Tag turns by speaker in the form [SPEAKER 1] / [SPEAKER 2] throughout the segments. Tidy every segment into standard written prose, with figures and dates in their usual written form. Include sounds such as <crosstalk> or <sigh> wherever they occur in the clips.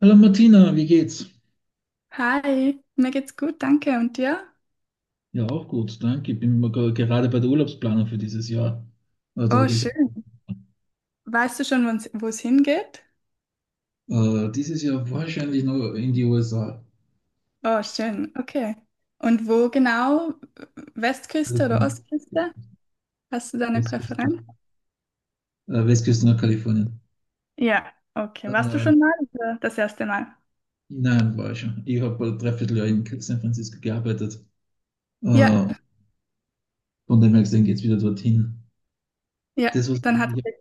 [SPEAKER 1] Hallo Martina, wie geht's?
[SPEAKER 2] Hi, mir geht's gut, danke. Und dir?
[SPEAKER 1] Ja, auch gut, danke. Ich bin mal gerade bei der Urlaubsplanung für dieses Jahr. Also
[SPEAKER 2] Oh,
[SPEAKER 1] geht's
[SPEAKER 2] schön. Weißt du schon, wo es hingeht?
[SPEAKER 1] dieses Jahr wahrscheinlich noch in die USA,
[SPEAKER 2] Oh, schön, okay. Und wo genau? Westküste oder
[SPEAKER 1] Kalifornien,
[SPEAKER 2] Ostküste? Hast du da eine
[SPEAKER 1] Westküste,
[SPEAKER 2] Präferenz?
[SPEAKER 1] Westküste nach Kalifornien.
[SPEAKER 2] Ja, okay. Warst du
[SPEAKER 1] Äh,
[SPEAKER 2] schon mal oder das erste Mal?
[SPEAKER 1] nein, war ich schon. Ich habe ein Dreivierteljahr in San Francisco gearbeitet.
[SPEAKER 2] Ja,
[SPEAKER 1] Äh, von dem her gesehen geht's wieder dorthin.
[SPEAKER 2] ja,
[SPEAKER 1] Das, was ich
[SPEAKER 2] dann hat es
[SPEAKER 1] eigentlich
[SPEAKER 2] dir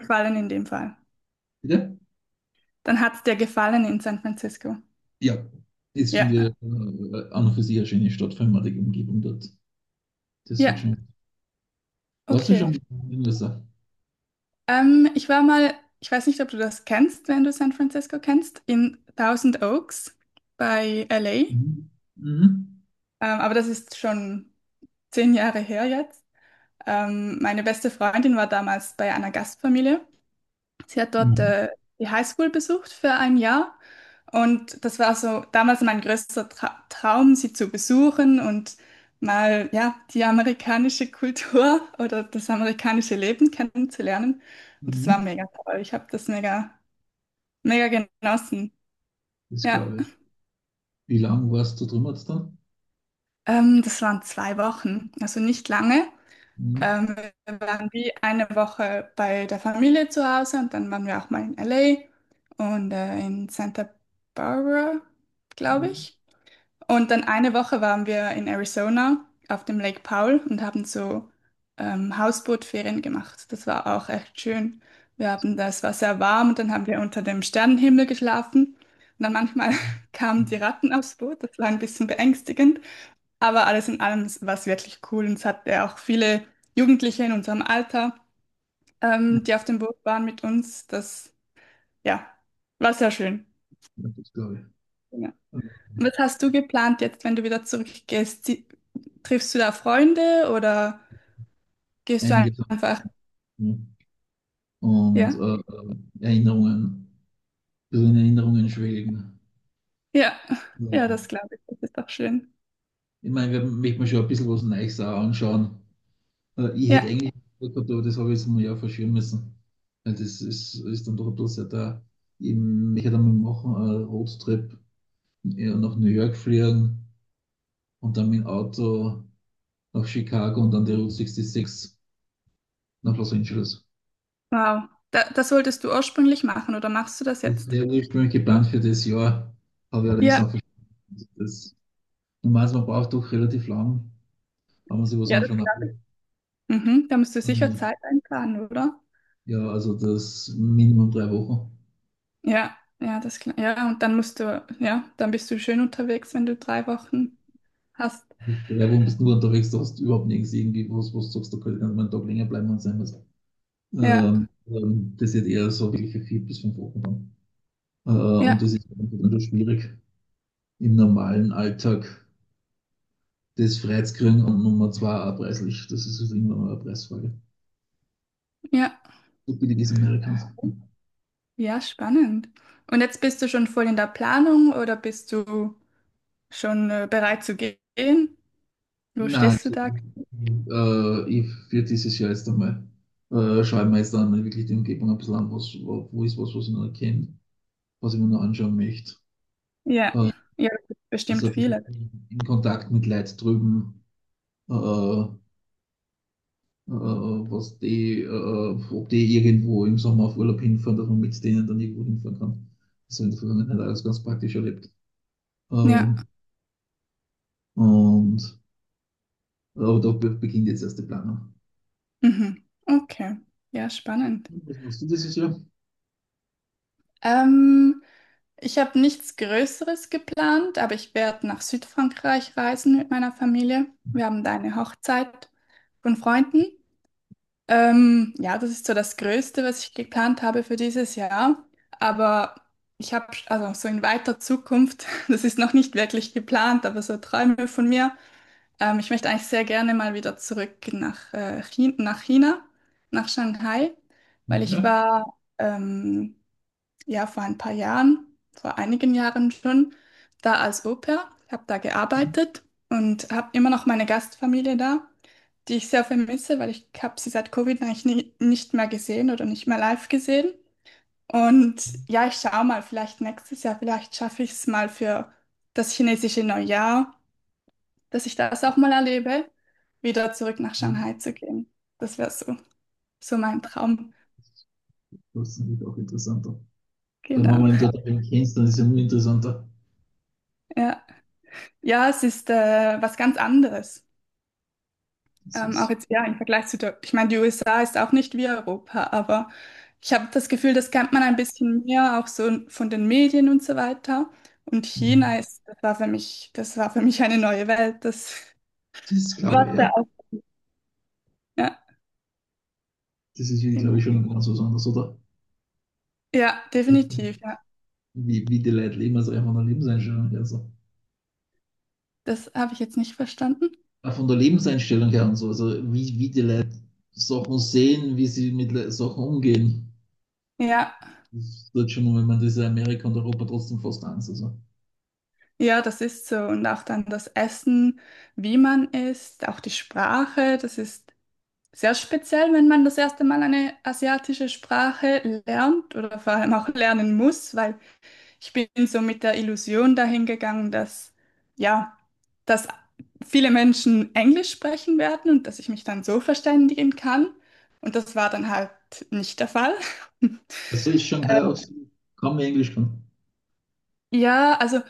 [SPEAKER 2] gefallen in dem Fall.
[SPEAKER 1] wieder?
[SPEAKER 2] Dann hat es dir gefallen in San Francisco.
[SPEAKER 1] Ja, das
[SPEAKER 2] Ja,
[SPEAKER 1] finde ich an und für sich eine schöne Stadt, vor allem auch die Umgebung dort. Das hat
[SPEAKER 2] ja,
[SPEAKER 1] schon. Warst du
[SPEAKER 2] okay.
[SPEAKER 1] schon in den USA?
[SPEAKER 2] Ich war mal, ich weiß nicht, ob du das kennst, wenn du San Francisco kennst, in Thousand Oaks bei LA.
[SPEAKER 1] Mhm. Mhm.
[SPEAKER 2] Aber das ist schon 10 Jahre her jetzt. Meine beste Freundin war damals bei einer Gastfamilie. Sie hat dort
[SPEAKER 1] Mhm.
[SPEAKER 2] die Highschool besucht für ein Jahr. Und das war so damals mein größter Traum, sie zu besuchen und mal ja, die amerikanische Kultur <laughs> oder das amerikanische Leben kennenzulernen. Und das war
[SPEAKER 1] Mhm.
[SPEAKER 2] mega toll. Ich habe das mega, mega genossen.
[SPEAKER 1] Das
[SPEAKER 2] Ja,
[SPEAKER 1] glaube ich. Wie lange warst du drüben jetzt dann?
[SPEAKER 2] das waren 2 Wochen, also nicht lange.
[SPEAKER 1] Mhm.
[SPEAKER 2] Ähm, Wir waren wie eine Woche bei der Familie zu Hause und dann waren wir auch mal in LA und in Santa Barbara, glaube
[SPEAKER 1] Mhm.
[SPEAKER 2] ich. Und dann eine Woche waren wir in Arizona auf dem Lake Powell und haben so Hausbootferien gemacht. Das war auch echt schön. Das war sehr warm und dann haben wir unter dem Sternenhimmel geschlafen. Und dann manchmal
[SPEAKER 1] Mhm.
[SPEAKER 2] <laughs> kamen die
[SPEAKER 1] Mhm.
[SPEAKER 2] Ratten aufs Boot. Das war ein bisschen beängstigend. Aber alles in allem war es wirklich cool und es hat ja auch viele Jugendliche in unserem Alter, die auf dem Boot waren mit uns. Das, ja, war sehr schön.
[SPEAKER 1] Ja, das glaube ich.
[SPEAKER 2] Ja.
[SPEAKER 1] Also
[SPEAKER 2] Was hast du geplant jetzt, wenn du wieder zurückgehst? Triffst du da Freunde oder gehst du
[SPEAKER 1] einige Sachen,
[SPEAKER 2] einfach?
[SPEAKER 1] ja. Und
[SPEAKER 2] Ja,
[SPEAKER 1] Erinnerungen. Ein bisschen in Erinnerungen schwelgen.
[SPEAKER 2] ja, <laughs> ja, das
[SPEAKER 1] Mhm.
[SPEAKER 2] glaube ich. Das ist doch schön.
[SPEAKER 1] Ich meine, wir möchten mir schon ein bisschen was Neues auch anschauen. Ich hätte
[SPEAKER 2] Ja,
[SPEAKER 1] eigentlich gesagt gehabt, aber das habe ich jetzt mal ja verschieben müssen. Weil das ist dann doch ein bisschen da. Ich möchte dann mal machen, einen Roadtrip, ja, nach New York fliegen und dann mit dem Auto nach Chicago und dann die Route 66 nach Los Angeles.
[SPEAKER 2] wow. Da, das wolltest du ursprünglich machen oder machst du das
[SPEAKER 1] Das
[SPEAKER 2] jetzt?
[SPEAKER 1] wäre ursprünglich geplant für das Jahr, habe ich allerdings
[SPEAKER 2] Ja,
[SPEAKER 1] dann verschoben. Das, man braucht doch relativ lang, wenn man sich was
[SPEAKER 2] ja, das
[SPEAKER 1] anschauen
[SPEAKER 2] glaube ich. Mhm, da musst du sicher
[SPEAKER 1] will.
[SPEAKER 2] Zeit einplanen, oder?
[SPEAKER 1] Ja, also das Minimum drei Wochen.
[SPEAKER 2] Ja, ja, das klar. Ja, und dann musst du, ja, dann bist du schön unterwegs, wenn du 3 Wochen hast.
[SPEAKER 1] Drei Wochen bist du nur unterwegs, da hast du überhaupt nichts irgendwie, was, was du sagst, da könnte man einen Tag länger bleiben und sein was.
[SPEAKER 2] Ja,
[SPEAKER 1] Das ist eher so wirklich für vier bis fünf Wochen dann. Äh, und
[SPEAKER 2] ja,
[SPEAKER 1] das ist dann schwierig im normalen Alltag das freizukriegen und Nummer zwei erpresslich. Das ist halt irgendwann mal eine Preisfrage.
[SPEAKER 2] ja,
[SPEAKER 1] So billig ist Amerikans.
[SPEAKER 2] ja, spannend. Und jetzt bist du schon voll in der Planung oder bist du schon bereit zu gehen? Wo
[SPEAKER 1] Nein,
[SPEAKER 2] stehst du
[SPEAKER 1] also,
[SPEAKER 2] da?
[SPEAKER 1] ich für dieses Jahr jetzt einmal, schaue ich mir jetzt dann wirklich die Umgebung ein bisschen an, was, wo ist was, was ich noch erkenne, was ich mir noch anschauen möchte.
[SPEAKER 2] Ja,
[SPEAKER 1] Äh,
[SPEAKER 2] ja,
[SPEAKER 1] also
[SPEAKER 2] bestimmt viele.
[SPEAKER 1] in Kontakt mit Leuten drüben, äh, äh, was die, ob die irgendwo im Sommer auf Urlaub hinfahren, dass man mit denen dann irgendwo hinfahren kann. Das habe ich in der Vergangenheit alles ganz praktisch erlebt.
[SPEAKER 2] Ja,
[SPEAKER 1] Ähm, und aber da beginnt jetzt erst die Planung.
[SPEAKER 2] mhm. Okay, ja, spannend.
[SPEAKER 1] Was machst du dieses Jahr?
[SPEAKER 2] Ähm, Ich habe nichts Größeres geplant, aber ich werde nach Südfrankreich reisen mit meiner Familie. Wir haben da eine Hochzeit von Freunden. Ja, das ist so das Größte, was ich geplant habe für dieses Jahr. Aber ich habe, also so in weiter Zukunft, <laughs> das ist noch nicht wirklich geplant, aber so Träume von mir. Ich möchte eigentlich sehr gerne mal wieder zurück nach, China, nach China, nach Shanghai, weil ich
[SPEAKER 1] Ja.
[SPEAKER 2] war ähm, ja, vor ein paar Jahren, vor einigen Jahren schon, da als Au-pair. Ich habe da gearbeitet und habe immer noch meine Gastfamilie da, die ich sehr vermisse, weil ich habe sie seit Covid eigentlich nie, nicht mehr gesehen oder nicht mehr live gesehen. Und ja, ich schaue mal, vielleicht nächstes Jahr, vielleicht schaffe ich es mal für das chinesische Neujahr, dass ich das auch mal erlebe, wieder zurück nach Shanghai zu gehen. Das wäre so, so mein Traum.
[SPEAKER 1] Das ist natürlich auch interessanter. Wenn man
[SPEAKER 2] Genau.
[SPEAKER 1] mal einen Datum kennst, dann ist es ja nur interessanter.
[SPEAKER 2] Ja, ja, es ist was ganz anderes.
[SPEAKER 1] Das
[SPEAKER 2] Auch
[SPEAKER 1] ist,
[SPEAKER 2] jetzt, ja, im Vergleich zu der, ich meine, die USA ist auch nicht wie Europa, aber ich habe das Gefühl, das kennt man ein bisschen mehr, auch so von den Medien und so weiter. Und China
[SPEAKER 1] das
[SPEAKER 2] ist, das war für mich, das war für mich eine neue Welt. Das
[SPEAKER 1] ist glaube ich,
[SPEAKER 2] war
[SPEAKER 1] ja.
[SPEAKER 2] da auch. <laughs> Ja,
[SPEAKER 1] Das ist, glaube ich,
[SPEAKER 2] genau.
[SPEAKER 1] schon ganz was anderes, oder?
[SPEAKER 2] Ja,
[SPEAKER 1] Wie,
[SPEAKER 2] definitiv, ja.
[SPEAKER 1] wie die Leute leben, also einfach von der Lebenseinstellung her. So.
[SPEAKER 2] Das habe ich jetzt nicht verstanden.
[SPEAKER 1] Auch von der Lebenseinstellung her und so. Also wie die Leute Sachen sehen, wie sie mit Sachen umgehen.
[SPEAKER 2] Ja,
[SPEAKER 1] Das tut schon, wenn man das in Amerika und Europa trotzdem fast eins. Also.
[SPEAKER 2] ja, das ist so. Und auch dann das Essen, wie man isst, auch die Sprache, das ist sehr speziell, wenn man das erste Mal eine asiatische Sprache lernt oder vor allem auch lernen muss, weil ich bin so mit der Illusion dahin gegangen, dass ja, dass viele Menschen Englisch sprechen werden und dass ich mich dann so verständigen kann. Und das war dann halt nicht der Fall. <laughs>
[SPEAKER 1] Das ist
[SPEAKER 2] Äh,
[SPEAKER 1] Shanghai aus. Kaum mehr Englisch kann.
[SPEAKER 2] Ja, also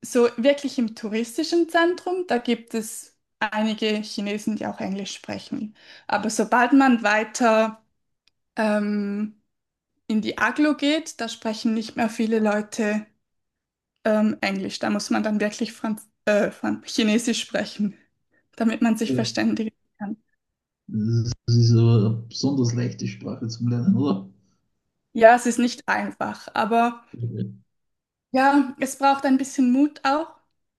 [SPEAKER 2] so wirklich im touristischen Zentrum, da gibt es einige Chinesen, die auch Englisch sprechen. Aber sobald man weiter ähm, in die Aglo geht, da sprechen nicht mehr viele Leute Englisch. Da muss man dann wirklich Chinesisch sprechen, damit man sich
[SPEAKER 1] Ja.
[SPEAKER 2] verständigen kann.
[SPEAKER 1] Das ist aber eine besonders leichte Sprache zum Lernen, oder?
[SPEAKER 2] Ja, es ist nicht einfach, aber ja, es braucht ein bisschen Mut auch,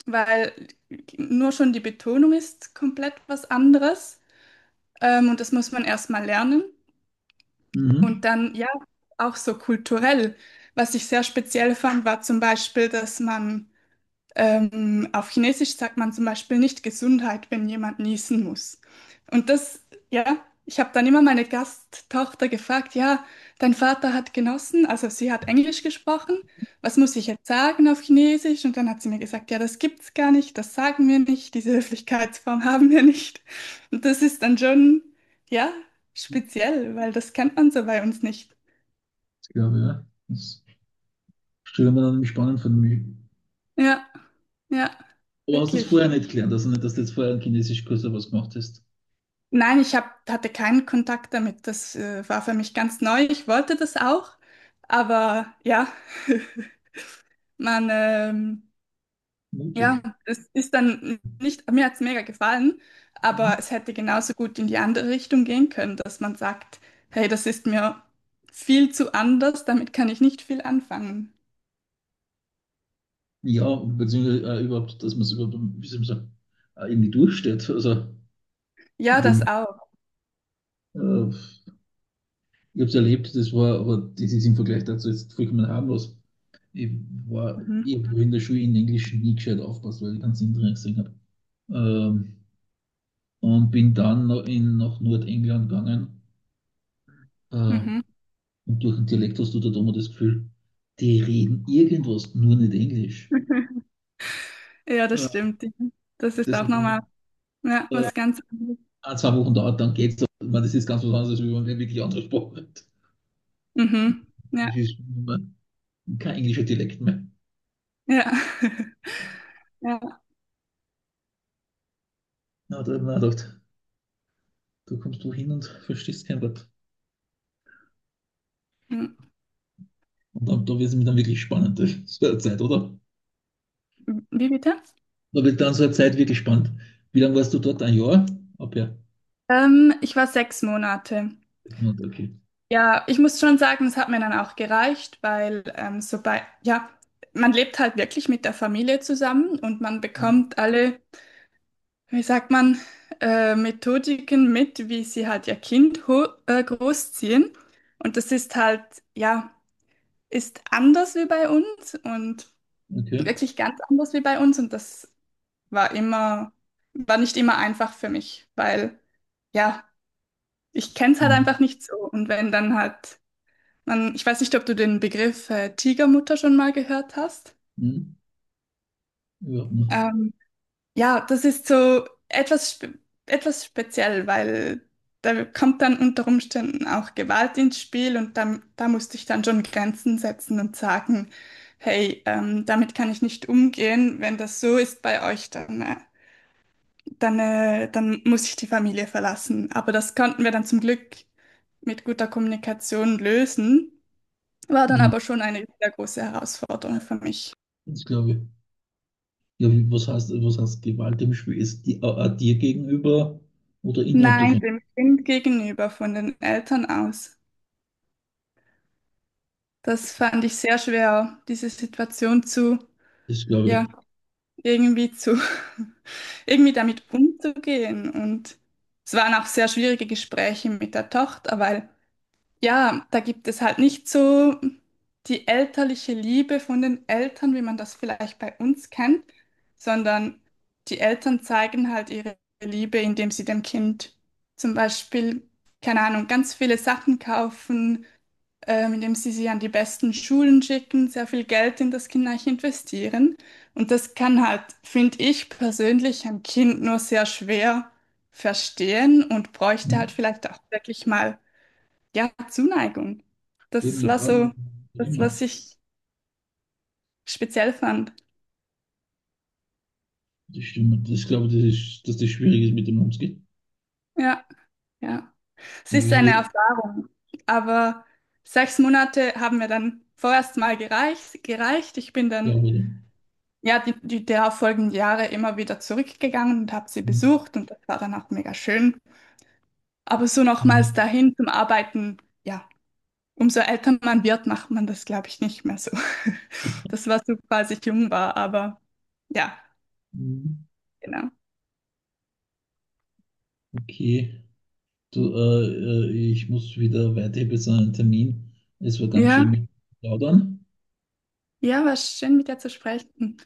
[SPEAKER 2] weil nur schon die Betonung ist komplett was anderes. Und das muss man erstmal lernen.
[SPEAKER 1] Mhm,
[SPEAKER 2] Und dann, ja, auch so kulturell. Was ich sehr speziell fand, war zum Beispiel, dass man auf Chinesisch sagt man zum Beispiel nicht Gesundheit, wenn jemand niesen muss. Und das, ja, ich habe dann immer meine Gasttochter gefragt, ja, dein Vater hat genossen, also sie hat Englisch gesprochen, was muss ich jetzt sagen auf Chinesisch? Und dann hat sie mir gesagt, ja, das gibt's gar nicht, das sagen wir nicht, diese Höflichkeitsform <laughs> haben wir nicht. Und das ist dann schon, ja, speziell, weil das kennt man so bei uns nicht.
[SPEAKER 1] das glaube ich, ja. Das stelle ich mir dann spannend vor. Mich.
[SPEAKER 2] Ja, ja,
[SPEAKER 1] Aber hast du das
[SPEAKER 2] wirklich.
[SPEAKER 1] vorher nicht gelernt, also nicht, dass du jetzt vorher einen Chinesischkurs oder was gemacht hast?
[SPEAKER 2] Nein, hatte keinen Kontakt damit. Das war für mich ganz neu. Ich wollte das auch, aber ja, <laughs> man, ja,
[SPEAKER 1] Mutig.
[SPEAKER 2] es ist dann nicht, mir hat's mega gefallen, aber
[SPEAKER 1] Mhm.
[SPEAKER 2] es hätte genauso gut in die andere Richtung gehen können, dass man sagt, hey, das ist mir viel zu anders, damit kann ich nicht viel anfangen.
[SPEAKER 1] Ja, beziehungsweise überhaupt, dass man es überhaupt, wie soll man sagen, irgendwie durchsteht. Also, ich
[SPEAKER 2] Ja, das
[SPEAKER 1] denke,
[SPEAKER 2] auch.
[SPEAKER 1] äh, ich habe es erlebt, das war, aber das ist im Vergleich dazu jetzt vollkommen harmlos. Ich
[SPEAKER 2] Mhm.
[SPEAKER 1] ich habe in der Schule in Englisch nie gescheit aufpasst, weil ich keinen Sinn drin gesehen habe. Ähm, und bin dann noch nach Nordengland gegangen. Äh, und
[SPEAKER 2] Mhm.
[SPEAKER 1] durch den Dialekt hast du da immer das Gefühl, die reden irgendwas, nur nicht Englisch.
[SPEAKER 2] <laughs> Ja, das
[SPEAKER 1] Äh,
[SPEAKER 2] stimmt. Das ist
[SPEAKER 1] Das
[SPEAKER 2] auch
[SPEAKER 1] hat
[SPEAKER 2] nochmal
[SPEAKER 1] dann
[SPEAKER 2] ja,
[SPEAKER 1] äh,
[SPEAKER 2] was ganz anderes.
[SPEAKER 1] ein, zwei Wochen dauert, dann geht's. So. Ich meine, das ist ganz was anderes, wenn man wirklich andere Sprache hat.
[SPEAKER 2] Mhm. Ja,
[SPEAKER 1] Das ist kein englischer Dialekt mehr.
[SPEAKER 2] ja. <laughs> Ja.
[SPEAKER 1] Ja, da habe ich mir gedacht, du kommst wohin und <laughs> verstehst kein Wort.
[SPEAKER 2] Hm,
[SPEAKER 1] Und dann, da wird es mir dann wirklich spannend, <laughs> so eine Zeit, oder?
[SPEAKER 2] wie bitte?
[SPEAKER 1] Da wird dann so eine Zeit wirklich spannend. Wie lange warst du dort? Ein Jahr? Ab ja.
[SPEAKER 2] Ich war 6 Monate.
[SPEAKER 1] Okay.
[SPEAKER 2] Ja, ich muss schon sagen, es hat mir dann auch gereicht, weil so bei, ja, man lebt halt wirklich mit der Familie zusammen und man bekommt alle, wie sagt man, Methodiken mit, wie sie halt ihr Kind ho großziehen. Und das ist halt, ja, ist anders wie bei uns und
[SPEAKER 1] Okay.
[SPEAKER 2] wirklich ganz anders wie bei uns. Und das war immer, war nicht immer einfach für mich, weil. Ja, ich kenne es halt
[SPEAKER 1] Mhm.
[SPEAKER 2] einfach nicht so. Und wenn dann halt, man, ich weiß nicht, ob du den Begriff Tigermutter schon mal gehört hast.
[SPEAKER 1] Hm, ja, hm,
[SPEAKER 2] Ähm, ja, das ist so etwas, spe etwas speziell, weil da kommt dann unter Umständen auch Gewalt ins Spiel und dann da musste ich dann schon Grenzen setzen und sagen, hey, damit kann ich nicht umgehen. Wenn das so ist bei euch, dann, dann, dann muss ich die Familie verlassen. Aber das konnten wir dann zum Glück mit guter Kommunikation lösen. War dann
[SPEAKER 1] hm,
[SPEAKER 2] aber schon eine sehr große Herausforderung für mich.
[SPEAKER 1] das glaube ich. Ja, wie, was heißt Gewalt im Spiel? Ist die auch auch dir gegenüber oder innerhalb der
[SPEAKER 2] Nein,
[SPEAKER 1] Familie?
[SPEAKER 2] dem Kind gegenüber, von den Eltern aus. Das fand ich sehr schwer, diese Situation zu,
[SPEAKER 1] Das
[SPEAKER 2] ja,
[SPEAKER 1] glaube
[SPEAKER 2] irgendwie zu, <laughs> irgendwie damit umzugehen. Und es waren auch sehr schwierige Gespräche mit der Tochter, weil ja, da gibt es halt nicht so die elterliche Liebe von den Eltern, wie man das vielleicht bei uns kennt, sondern die Eltern zeigen halt ihre Liebe, indem sie dem Kind zum Beispiel, keine Ahnung, ganz viele Sachen kaufen, indem sie sie an die besten Schulen schicken, sehr viel Geld in das Kind eigentlich investieren. Und das kann halt, finde ich persönlich, ein Kind nur sehr schwer verstehen und
[SPEAKER 1] ich.
[SPEAKER 2] bräuchte halt
[SPEAKER 1] Hm.
[SPEAKER 2] vielleicht auch wirklich mal ja, Zuneigung.
[SPEAKER 1] Eben
[SPEAKER 2] Das war
[SPEAKER 1] mit
[SPEAKER 2] so
[SPEAKER 1] allem, was
[SPEAKER 2] das,
[SPEAKER 1] immer.
[SPEAKER 2] was ich speziell fand.
[SPEAKER 1] Das stimmt. Das glaube ich, das ist, dass das schwierig ist, mit dem umzugehen.
[SPEAKER 2] Ja, ja. Es
[SPEAKER 1] Das
[SPEAKER 2] ist eine
[SPEAKER 1] ist,
[SPEAKER 2] Erfahrung, aber 6 Monate haben mir dann vorerst mal gereicht. Ich bin
[SPEAKER 1] glaube
[SPEAKER 2] dann
[SPEAKER 1] ich.
[SPEAKER 2] ja die darauffolgenden Jahre immer wieder zurückgegangen und habe sie
[SPEAKER 1] Hm,
[SPEAKER 2] besucht und das war dann auch mega schön. Aber so nochmals
[SPEAKER 1] hm,
[SPEAKER 2] dahin zum Arbeiten, ja, umso älter man wird, macht man das, glaube ich, nicht mehr so. <laughs> Das war so, als ich jung war, aber ja,
[SPEAKER 1] hm,
[SPEAKER 2] genau.
[SPEAKER 1] okay. Du, ich muss wieder weiter. Ich habe jetzt einen Termin. Es war ganz schön
[SPEAKER 2] Ja.
[SPEAKER 1] mit dir zu plaudern.
[SPEAKER 2] Ja, war schön, mit dir zu sprechen.